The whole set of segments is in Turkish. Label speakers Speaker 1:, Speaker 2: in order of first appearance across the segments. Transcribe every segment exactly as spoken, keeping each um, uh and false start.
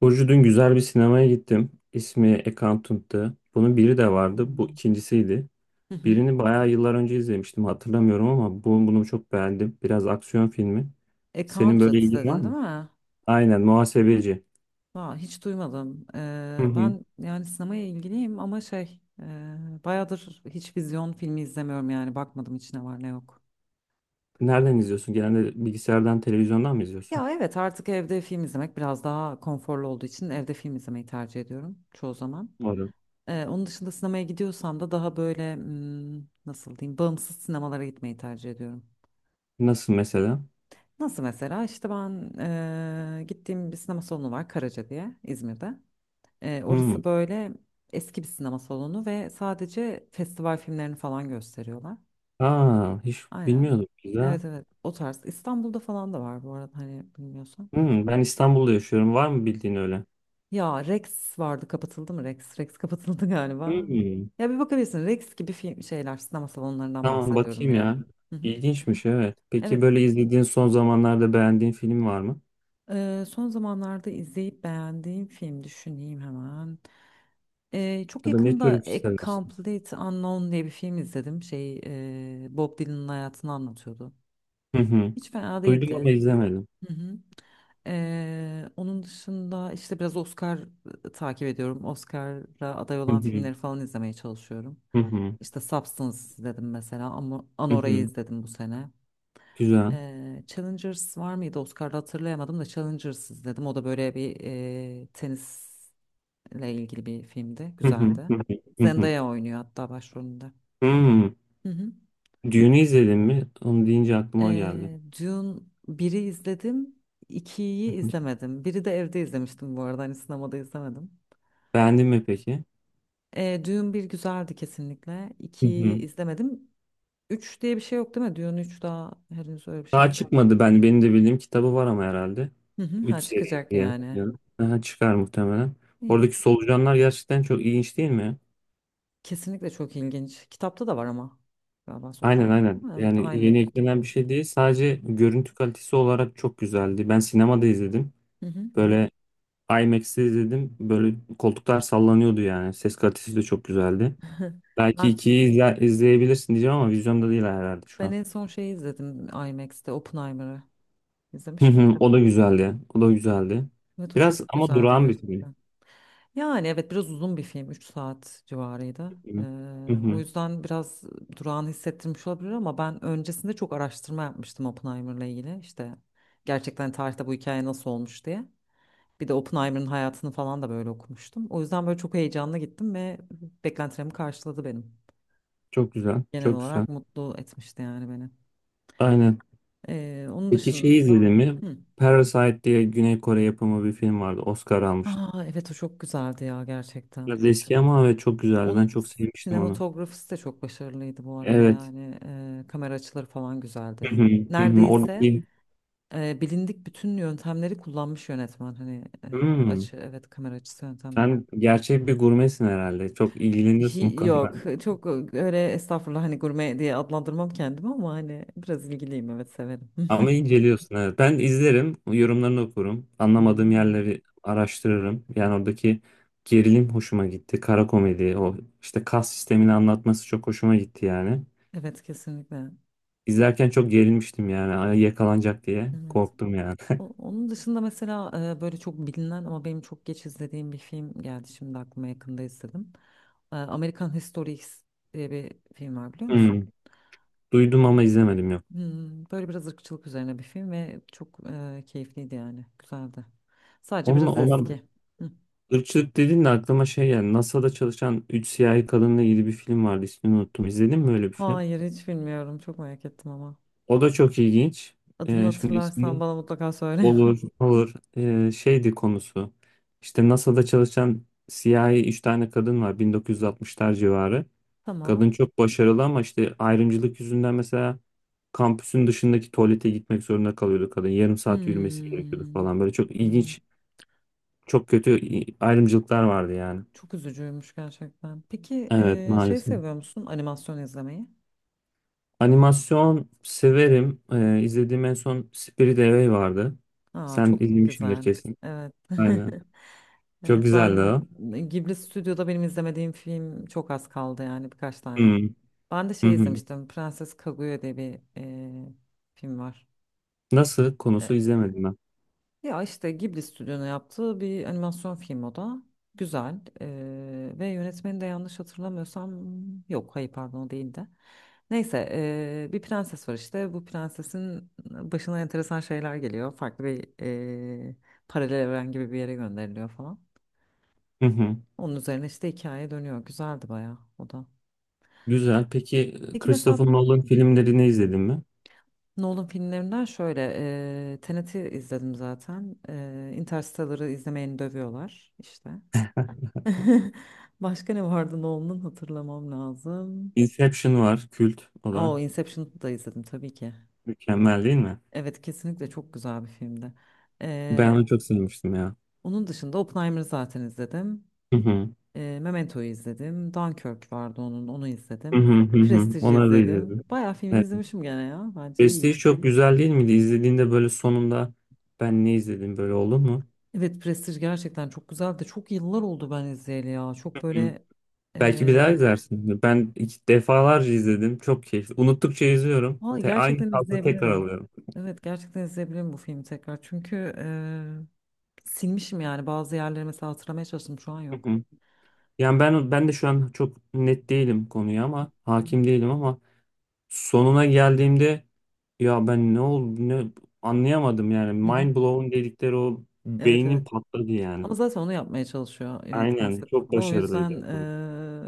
Speaker 1: Burcu dün güzel bir sinemaya gittim. İsmi Accountant'tı. Bunun biri de vardı. Bu
Speaker 2: Hmm.
Speaker 1: ikincisiydi.
Speaker 2: Hı hı.
Speaker 1: Birini bayağı yıllar önce izlemiştim. Hatırlamıyorum ama bu, bunu çok beğendim. Biraz aksiyon filmi. Senin böyle
Speaker 2: Accountant
Speaker 1: ilgin var
Speaker 2: dedin değil
Speaker 1: mı?
Speaker 2: mi?
Speaker 1: Aynen, muhasebeci.
Speaker 2: Vay, hiç duymadım.
Speaker 1: Hı
Speaker 2: Ee,
Speaker 1: hı.
Speaker 2: ben yani sinemaya ilgiliyim ama şey e, bayağıdır hiç vizyon filmi izlemiyorum yani bakmadım hiç ne var ne yok.
Speaker 1: Nereden izliyorsun? Genelde bilgisayardan, televizyondan mı izliyorsun?
Speaker 2: Ya evet artık evde film izlemek biraz daha konforlu olduğu için evde film izlemeyi tercih ediyorum çoğu zaman.
Speaker 1: Doğru.
Speaker 2: Ee, onun dışında sinemaya gidiyorsam da daha böyle hmm, nasıl diyeyim bağımsız sinemalara gitmeyi tercih ediyorum.
Speaker 1: Nasıl mesela?
Speaker 2: Nasıl mesela işte ben e, gittiğim bir sinema salonu var, Karaca diye, İzmir'de. Ee,
Speaker 1: Hı.
Speaker 2: orası böyle eski bir sinema salonu ve sadece festival filmlerini falan gösteriyorlar.
Speaker 1: Aa, hiç
Speaker 2: Aynen.
Speaker 1: bilmiyordum, güzel.
Speaker 2: Evet, evet, o tarz. İstanbul'da falan da var bu arada, hani bilmiyorsan.
Speaker 1: Hı, ben İstanbul'da yaşıyorum. Var mı bildiğin öyle?
Speaker 2: Ya Rex vardı, kapatıldı mı Rex? Rex kapatıldı galiba.
Speaker 1: Hı.
Speaker 2: Ya bir bakabilirsin, Rex gibi film şeyler, sinema salonlarından
Speaker 1: Tamam,
Speaker 2: bahsediyorum
Speaker 1: bakayım
Speaker 2: yani.
Speaker 1: ya.
Speaker 2: Hı hı.
Speaker 1: İlginçmiş, evet. Peki
Speaker 2: Evet.
Speaker 1: böyle izlediğin son zamanlarda beğendiğin film var mı?
Speaker 2: E, son zamanlarda izleyip beğendiğim film, düşüneyim hemen. Ee, çok
Speaker 1: Ya da ne
Speaker 2: yakında
Speaker 1: tür bir
Speaker 2: A
Speaker 1: seversin?
Speaker 2: Complete Unknown diye bir film izledim. Şey, e, Bob Dylan'ın hayatını anlatıyordu.
Speaker 1: Hı hı.
Speaker 2: Hiç fena
Speaker 1: Duydum ama
Speaker 2: değildi.
Speaker 1: izlemedim.
Speaker 2: Hı hı. Ee, onun dışında işte biraz Oscar e, takip ediyorum. Oscar'a aday
Speaker 1: Hı
Speaker 2: olan
Speaker 1: hı.
Speaker 2: filmleri falan izlemeye çalışıyorum.
Speaker 1: Hı hı.
Speaker 2: İşte Substance izledim mesela, ama
Speaker 1: Hı
Speaker 2: Anora'yı
Speaker 1: hı.
Speaker 2: izledim bu sene.
Speaker 1: Güzel.
Speaker 2: Ee, Challengers var mıydı? Oscar'da hatırlayamadım, da Challengers izledim. O da böyle bir e, tenis ile ilgili bir filmdi.
Speaker 1: Hı hı.
Speaker 2: Güzeldi.
Speaker 1: Hı hı. Hı hı.
Speaker 2: Zendaya oynuyor hatta başrolünde.
Speaker 1: Hmm.
Speaker 2: Hı hı.
Speaker 1: Düğünü izledin mi? Onu deyince aklıma geldi.
Speaker 2: Ee, Dune biri izledim. İkiyi
Speaker 1: Hı hı.
Speaker 2: izlemedim. Biri de evde izlemiştim bu arada. Hani sinemada izlemedim.
Speaker 1: Beğendin mi peki?
Speaker 2: Ee, Dune bir güzeldi kesinlikle.
Speaker 1: Hı
Speaker 2: ikiyi
Speaker 1: hı.
Speaker 2: izlemedim. Üç diye bir şey yok değil mi? Dune üç daha henüz öyle bir
Speaker 1: Daha
Speaker 2: şeyimiz mi?
Speaker 1: çıkmadı ben. Benim de bildiğim kitabı var ama herhalde.
Speaker 2: Hı hı,
Speaker 1: Üç
Speaker 2: ha
Speaker 1: seri
Speaker 2: çıkacak
Speaker 1: diye
Speaker 2: yani.
Speaker 1: biliyorum. Aha, çıkar muhtemelen.
Speaker 2: İyi.
Speaker 1: Oradaki solucanlar gerçekten çok ilginç değil mi?
Speaker 2: Kesinlikle çok ilginç. Kitapta da var ama. Galiba
Speaker 1: Aynen,
Speaker 2: solucan.
Speaker 1: aynen.
Speaker 2: Evet
Speaker 1: Yani
Speaker 2: aynı
Speaker 1: yeni
Speaker 2: iken.
Speaker 1: eklenen bir şey değil.
Speaker 2: Hı
Speaker 1: Sadece görüntü kalitesi olarak çok güzeldi. Ben sinemada izledim.
Speaker 2: hı, hı hı, hı
Speaker 1: Böyle I M A X'te izledim. Böyle koltuklar sallanıyordu yani. Ses kalitesi de çok güzeldi.
Speaker 2: hı.
Speaker 1: Belki
Speaker 2: Ben
Speaker 1: ikiyi izle- izleyebilirsin diyeceğim ama vizyonda değil herhalde şu
Speaker 2: Ben
Speaker 1: an.
Speaker 2: en son şeyi izledim IMAX'te Oppenheimer'ı.
Speaker 1: Hı
Speaker 2: İzlemiş
Speaker 1: hı.
Speaker 2: miydin?
Speaker 1: O da güzeldi. O da güzeldi.
Speaker 2: Evet, o
Speaker 1: Biraz
Speaker 2: çok
Speaker 1: ama
Speaker 2: güzeldi
Speaker 1: durağan bir film.
Speaker 2: gerçekten. Yani evet, biraz uzun bir film, üç saat civarıydı.
Speaker 1: Hı
Speaker 2: Ee, o
Speaker 1: hı.
Speaker 2: yüzden biraz durağan hissettirmiş olabilir, ama ben öncesinde çok araştırma yapmıştım Oppenheimer'la ilgili. İşte gerçekten tarihte bu hikaye nasıl olmuş diye. Bir de Oppenheimer'ın hayatını falan da böyle okumuştum. O yüzden böyle çok heyecanla gittim ve beklentilerimi karşıladı benim.
Speaker 1: Çok güzel.
Speaker 2: Genel
Speaker 1: Çok güzel.
Speaker 2: olarak mutlu etmişti yani beni.
Speaker 1: Aynen.
Speaker 2: Ee, onun
Speaker 1: Peki şeyi
Speaker 2: dışında...
Speaker 1: izledin mi?
Speaker 2: Hı.
Speaker 1: Parasite diye Güney Kore yapımı bir film vardı. Oscar almıştı.
Speaker 2: Aa, evet o çok güzeldi ya gerçekten.
Speaker 1: Biraz eski ama evet çok güzeldi.
Speaker 2: Onun
Speaker 1: Ben çok sevmiştim onu.
Speaker 2: sinematografisi de çok başarılıydı bu arada
Speaker 1: Evet.
Speaker 2: yani, Ee, kamera açıları falan
Speaker 1: Hı
Speaker 2: güzeldi.
Speaker 1: hı, hı hı.
Speaker 2: Neredeyse
Speaker 1: Oradaki
Speaker 2: e, bilindik bütün yöntemleri kullanmış yönetmen hani, e,
Speaker 1: hmm.
Speaker 2: açı, evet, kamera açısı yöntemlerini.
Speaker 1: Sen gerçek bir gurmesin herhalde. Çok ilgileniyorsun bu
Speaker 2: Hi-
Speaker 1: konuda.
Speaker 2: yok, çok öyle estağfurullah, hani gurme diye adlandırmam kendimi ama hani biraz ilgiliyim, evet, severim.
Speaker 1: Ama inceliyorsun, evet. Ben izlerim, yorumlarını okurum.
Speaker 2: Hı hı, hı
Speaker 1: Anlamadığım
Speaker 2: hı.
Speaker 1: yerleri araştırırım. Yani oradaki gerilim hoşuma gitti. Kara komedi, o işte kas sistemini anlatması çok hoşuma gitti yani.
Speaker 2: Evet kesinlikle.
Speaker 1: İzlerken çok gerilmiştim yani. Ay, yakalanacak diye
Speaker 2: Evet.
Speaker 1: korktum yani.
Speaker 2: O- Onun dışında mesela e, böyle çok bilinen ama benim çok geç izlediğim bir film geldi şimdi aklıma, yakında izledim. E, American History X diye bir film var, biliyor
Speaker 1: Hmm.
Speaker 2: musun?
Speaker 1: Duydum
Speaker 2: Hmm.
Speaker 1: ama izlemedim, yok.
Speaker 2: Hmm, böyle biraz ırkçılık üzerine bir film ve çok e, keyifliydi yani, güzeldi. Sadece
Speaker 1: Onunla,
Speaker 2: biraz
Speaker 1: ona
Speaker 2: eski. Hı.
Speaker 1: Irkçılık dedin de aklıma şey yani NASA'da çalışan üç siyahi kadınla ilgili bir film vardı, ismini unuttum. İzledin mi öyle bir film?
Speaker 2: Hayır, hiç bilmiyorum, çok merak ettim ama.
Speaker 1: O da çok ilginç.
Speaker 2: Adını
Speaker 1: Ee, şimdi
Speaker 2: hatırlarsan
Speaker 1: ismini.
Speaker 2: bana mutlaka söyle.
Speaker 1: Olur, olur. Ee, şeydi konusu. İşte NASA'da çalışan siyahi üç tane kadın var, bin dokuz yüz altmışlar civarı. Kadın
Speaker 2: Tamam.
Speaker 1: çok başarılı ama işte ayrımcılık yüzünden mesela kampüsün dışındaki tuvalete gitmek zorunda kalıyordu kadın. Yarım saat yürümesi
Speaker 2: Hmm,
Speaker 1: gerekiyordu falan. Böyle çok
Speaker 2: hmm,
Speaker 1: ilginç, çok kötü ayrımcılıklar vardı yani.
Speaker 2: Çok üzücüymüş gerçekten. Peki
Speaker 1: Evet,
Speaker 2: e, şey,
Speaker 1: maalesef.
Speaker 2: seviyor musun animasyon izlemeyi?
Speaker 1: Animasyon severim. Ee, izlediğim en son Spirit Away vardı.
Speaker 2: Aa,
Speaker 1: Sen
Speaker 2: çok
Speaker 1: izlemişsindir
Speaker 2: güzel.
Speaker 1: kesin.
Speaker 2: Evet.
Speaker 1: Aynen. Çok
Speaker 2: Evet,
Speaker 1: güzeldi
Speaker 2: ben
Speaker 1: o.
Speaker 2: Ghibli Stüdyo'da benim izlemediğim film çok az kaldı, yani birkaç tane.
Speaker 1: Hmm,
Speaker 2: Ben de
Speaker 1: hı
Speaker 2: şey
Speaker 1: hı.
Speaker 2: izlemiştim. Prenses Kaguya diye bir e, film var.
Speaker 1: Nasıl? Konusu izlemedim ben.
Speaker 2: Ya işte Ghibli stüdyonun yaptığı bir animasyon film o da. Güzel. Ee, ve yönetmeni de, yanlış hatırlamıyorsam, yok, hayır, pardon, o değildi. Neyse, ee, bir prenses var işte. Bu prensesin başına enteresan şeyler geliyor. Farklı bir ee, paralel evren gibi bir yere gönderiliyor falan.
Speaker 1: Hı hı.
Speaker 2: Onun üzerine işte hikaye dönüyor. Güzeldi bayağı o da.
Speaker 1: Güzel. Peki
Speaker 2: Peki mesela
Speaker 1: Christopher Nolan filmlerini izledin mi?
Speaker 2: Nolan filmlerinden şöyle eee Tenet'i izledim zaten. Eee Interstellar'ı izlemeyeni dövüyorlar işte. Başka ne vardı Nolan'ın, hatırlamam lazım.
Speaker 1: Inception var. Kült. O da
Speaker 2: Oo, Inception'ı da izledim tabii ki.
Speaker 1: mükemmel değil mi?
Speaker 2: Evet, kesinlikle çok güzel bir filmdi.
Speaker 1: Ben
Speaker 2: Ee,
Speaker 1: onu çok sevmiştim ya.
Speaker 2: Onun dışında Oppenheimer'ı zaten izledim.
Speaker 1: Hı hı.
Speaker 2: Ee, Memento'yu izledim. Dunkirk vardı, onun onu
Speaker 1: Hı hı,
Speaker 2: izledim.
Speaker 1: hı hı.
Speaker 2: Prestige'i
Speaker 1: Onları da
Speaker 2: izledim.
Speaker 1: izledim.
Speaker 2: Bayağı filmini
Speaker 1: Evet.
Speaker 2: izlemişim gene ya. Bence
Speaker 1: Prestige
Speaker 2: iyiyim.
Speaker 1: çok güzel değil miydi? İzlediğinde böyle sonunda ben ne izledim böyle oldu mu?
Speaker 2: Evet, Prestige gerçekten çok güzeldi. Çok yıllar oldu ben izleyeli ya. Çok böyle
Speaker 1: Belki bir daha
Speaker 2: ee,
Speaker 1: izlersin. Ben iki- defalarca izledim. Çok keyifli. Unuttukça izliyorum.
Speaker 2: vallahi
Speaker 1: Te- aynı
Speaker 2: gerçekten
Speaker 1: tarzı tekrar
Speaker 2: izleyebilirim.
Speaker 1: alıyorum.
Speaker 2: Evet, gerçekten izleyebilirim bu filmi tekrar. Çünkü silmişim yani bazı yerleri mesela, hatırlamaya çalıştım şu an,
Speaker 1: Hı
Speaker 2: yok.
Speaker 1: hı. Yani ben ben de şu an çok net değilim konuya ama
Speaker 2: Hı hı.
Speaker 1: hakim değilim ama sonuna geldiğimde ya ben ne oldu ne anlayamadım yani
Speaker 2: Hı hı.
Speaker 1: mind blown dedikleri o
Speaker 2: Evet,
Speaker 1: beynin
Speaker 2: evet.
Speaker 1: patladı yani.
Speaker 2: Ama zaten onu yapmaya çalışıyor yönetmen
Speaker 1: Aynen, çok
Speaker 2: sıklıkla. O yüzden
Speaker 1: başarılıydı.
Speaker 2: eee,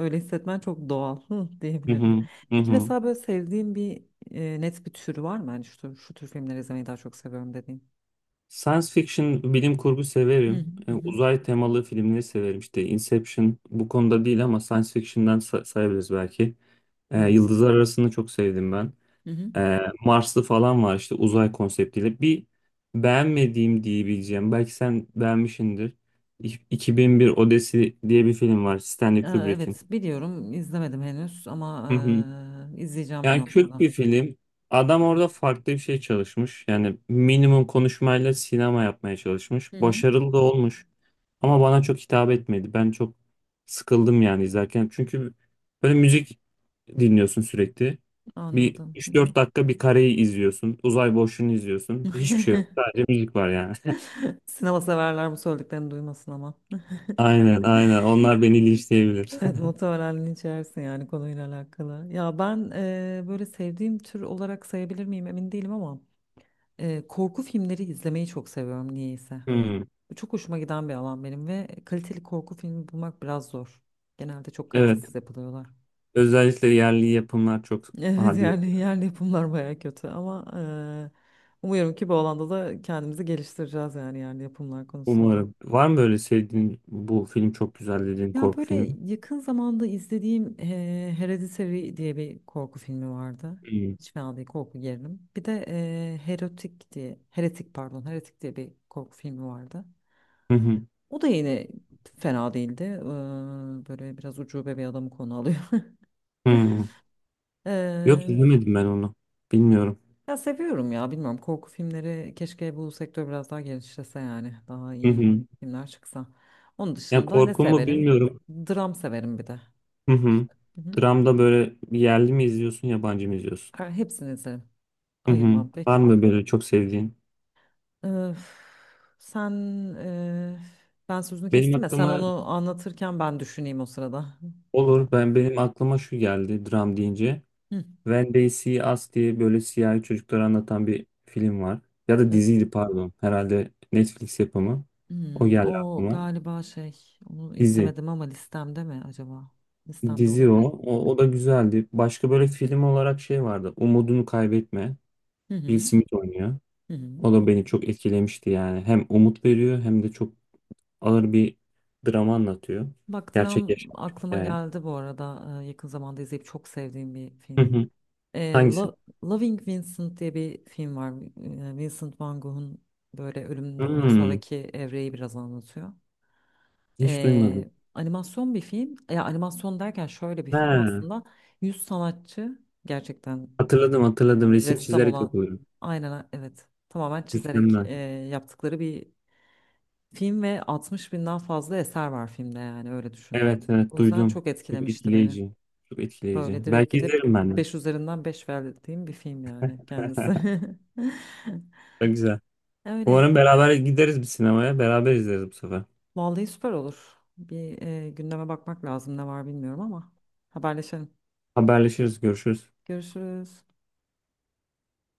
Speaker 2: öyle hissetmen çok doğal, hı,
Speaker 1: Hı
Speaker 2: diyebilirim.
Speaker 1: hı. Hı
Speaker 2: Peki
Speaker 1: hı.
Speaker 2: mesela, böyle sevdiğin bir eee, net bir tür var mı? Yani şu, şu tür filmleri izlemeyi daha çok seviyorum dediğin.
Speaker 1: Science fiction, bilim kurgu
Speaker 2: Hı hı.
Speaker 1: severim. E,
Speaker 2: Hı hı.
Speaker 1: Uzay temalı filmleri severim. İşte Inception bu konuda değil ama science fiction'dan sa- sayabiliriz belki. E,
Speaker 2: Evet.
Speaker 1: Yıldızlar Arası'nı çok sevdim ben.
Speaker 2: Hı hı.
Speaker 1: E, Marslı falan var işte uzay konseptiyle. Bir beğenmediğim diyebileceğim. Belki sen beğenmişsindir. İ- iki bin bir Odesi diye bir film var Stanley
Speaker 2: Eee,
Speaker 1: Kubrick'in.
Speaker 2: evet, biliyorum, izlemedim henüz ama eee, izleyeceğim bir
Speaker 1: Yani kült
Speaker 2: noktada.
Speaker 1: bir film. Adam
Speaker 2: Evet,
Speaker 1: orada farklı bir şey çalışmış. Yani minimum konuşmayla sinema yapmaya çalışmış.
Speaker 2: Hı hı.
Speaker 1: Başarılı da olmuş. Ama bana çok hitap etmedi. Ben çok sıkıldım yani izlerken. Çünkü böyle müzik dinliyorsun sürekli. Bir
Speaker 2: Anladım. Hı
Speaker 1: üç
Speaker 2: hı.
Speaker 1: dört dakika bir kareyi izliyorsun. Uzay boşluğunu izliyorsun. Hiçbir şey yok. Sadece müzik var yani.
Speaker 2: Sinema severler bu söylediklerini duymasın ama.
Speaker 1: Aynen, aynen. Onlar beni linçleyebilir.
Speaker 2: Evet, muhtemelen içersin yani konuyla alakalı. Ya ben eee, böyle sevdiğim tür olarak sayabilir miyim, emin değilim, ama eee, korku filmleri izlemeyi çok seviyorum niyeyse.
Speaker 1: Hmm,
Speaker 2: Bu çok hoşuma giden bir alan benim ve kaliteli korku filmi bulmak biraz zor. Genelde çok
Speaker 1: evet.
Speaker 2: kalitesiz yapılıyorlar.
Speaker 1: Özellikle yerli yapımlar çok.
Speaker 2: Evet,
Speaker 1: Hadi,
Speaker 2: yani yerli yapımlar baya kötü, ama eee, umuyorum ki bu alanda da kendimizi geliştireceğiz, yani yerli yapımlar konusunda.
Speaker 1: umarım. Var mı böyle sevdiğin, bu film çok güzel dediğin
Speaker 2: Ya,
Speaker 1: korku
Speaker 2: böyle
Speaker 1: filmi?
Speaker 2: yakın zamanda izlediğim eee Hereditary diye bir korku filmi vardı.
Speaker 1: Hmm.
Speaker 2: Hiç fena değil, korku gerilim. Bir de eee Heretic diye, Heretic, pardon, Heretic diye bir korku filmi vardı.
Speaker 1: Hı hı.
Speaker 2: O da yine fena değildi. Eee, böyle biraz ucube bir adamı konu alıyor.
Speaker 1: Hı. Yok,
Speaker 2: Eee,
Speaker 1: izlemedim ben onu. Bilmiyorum.
Speaker 2: Ya seviyorum ya, bilmiyorum korku filmleri, keşke bu sektör biraz daha genişlese yani. Daha
Speaker 1: Hı
Speaker 2: iyi
Speaker 1: hı.
Speaker 2: filmler çıksa. Onun
Speaker 1: Ya
Speaker 2: dışında ne
Speaker 1: korku mu,
Speaker 2: severim?
Speaker 1: bilmiyorum.
Speaker 2: Dram severim bir de.
Speaker 1: Hı hı.
Speaker 2: İşte. Hı hı.
Speaker 1: Dramda böyle yerli mi izliyorsun, yabancı mı izliyorsun?
Speaker 2: Her- Hepsini izlerim.
Speaker 1: Hı hı.
Speaker 2: Ayırmam
Speaker 1: Var
Speaker 2: peki.
Speaker 1: mı böyle çok sevdiğin?
Speaker 2: Ee, sen e, Ben sözünü
Speaker 1: Benim
Speaker 2: kestim ya, sen
Speaker 1: aklıma.
Speaker 2: onu anlatırken ben düşüneyim o sırada. Hı.
Speaker 1: Olur. Ben benim aklıma şu geldi dram deyince.
Speaker 2: Hı.
Speaker 1: When They See Us diye böyle siyahi çocukları anlatan bir film var. Ya da
Speaker 2: E,
Speaker 1: diziydi, pardon. Herhalde Netflix yapımı. O
Speaker 2: hmm,
Speaker 1: geldi
Speaker 2: O
Speaker 1: aklıma.
Speaker 2: galiba şey, onu
Speaker 1: Dizi.
Speaker 2: izlemedim, ama listemde mi acaba? Listemde
Speaker 1: Dizi o.
Speaker 2: olabilir.
Speaker 1: O, o da güzeldi. Başka böyle film olarak şey vardı. Umudunu Kaybetme.
Speaker 2: Hı
Speaker 1: Will
Speaker 2: hı.
Speaker 1: Smith oynuyor.
Speaker 2: Hı hı.
Speaker 1: O da beni çok etkilemişti yani. Hem umut veriyor hem de çok ağır bir drama anlatıyor.
Speaker 2: Bak,
Speaker 1: Gerçek
Speaker 2: dram
Speaker 1: yaşanmış bir
Speaker 2: aklıma
Speaker 1: hikaye.
Speaker 2: geldi bu arada. Ee, yakın zamanda izleyip çok sevdiğim bir
Speaker 1: Hı
Speaker 2: film.
Speaker 1: hı.
Speaker 2: Ee,
Speaker 1: Hangisi?
Speaker 2: Lo- Loving Vincent diye bir film var. Ee, Vincent Van Gogh'un böyle ölümünden
Speaker 1: Hmm,
Speaker 2: sonraki evreyi biraz anlatıyor.
Speaker 1: hiç duymadım.
Speaker 2: Ee, animasyon bir film. Ya, animasyon derken şöyle bir film
Speaker 1: Ha,
Speaker 2: aslında. Yüz sanatçı gerçekten
Speaker 1: hatırladım,
Speaker 2: e,
Speaker 1: hatırladım. Resim
Speaker 2: ressam
Speaker 1: çizerek
Speaker 2: olan,
Speaker 1: yapıyorum.
Speaker 2: aynen, evet, tamamen çizerek
Speaker 1: Mükemmel.
Speaker 2: e, yaptıkları bir film ve altmış binden fazla eser var filmde, yani öyle düşün.
Speaker 1: Evet,
Speaker 2: O
Speaker 1: evet,
Speaker 2: yüzden
Speaker 1: duydum.
Speaker 2: çok
Speaker 1: Çok
Speaker 2: etkilemişti beni.
Speaker 1: etkileyici. Çok etkileyici.
Speaker 2: Böyle direkt
Speaker 1: Belki
Speaker 2: gidip
Speaker 1: izlerim ben de.
Speaker 2: beş üzerinden beş verdiğim bir film yani kendisi.
Speaker 1: Çok güzel.
Speaker 2: Öyle.
Speaker 1: Umarım beraber gideriz bir sinemaya. Beraber izleriz bu sefer.
Speaker 2: Vallahi süper olur. Bir e, gündeme bakmak lazım ne var, bilmiyorum, ama haberleşelim.
Speaker 1: Haberleşiriz, görüşürüz.
Speaker 2: Görüşürüz.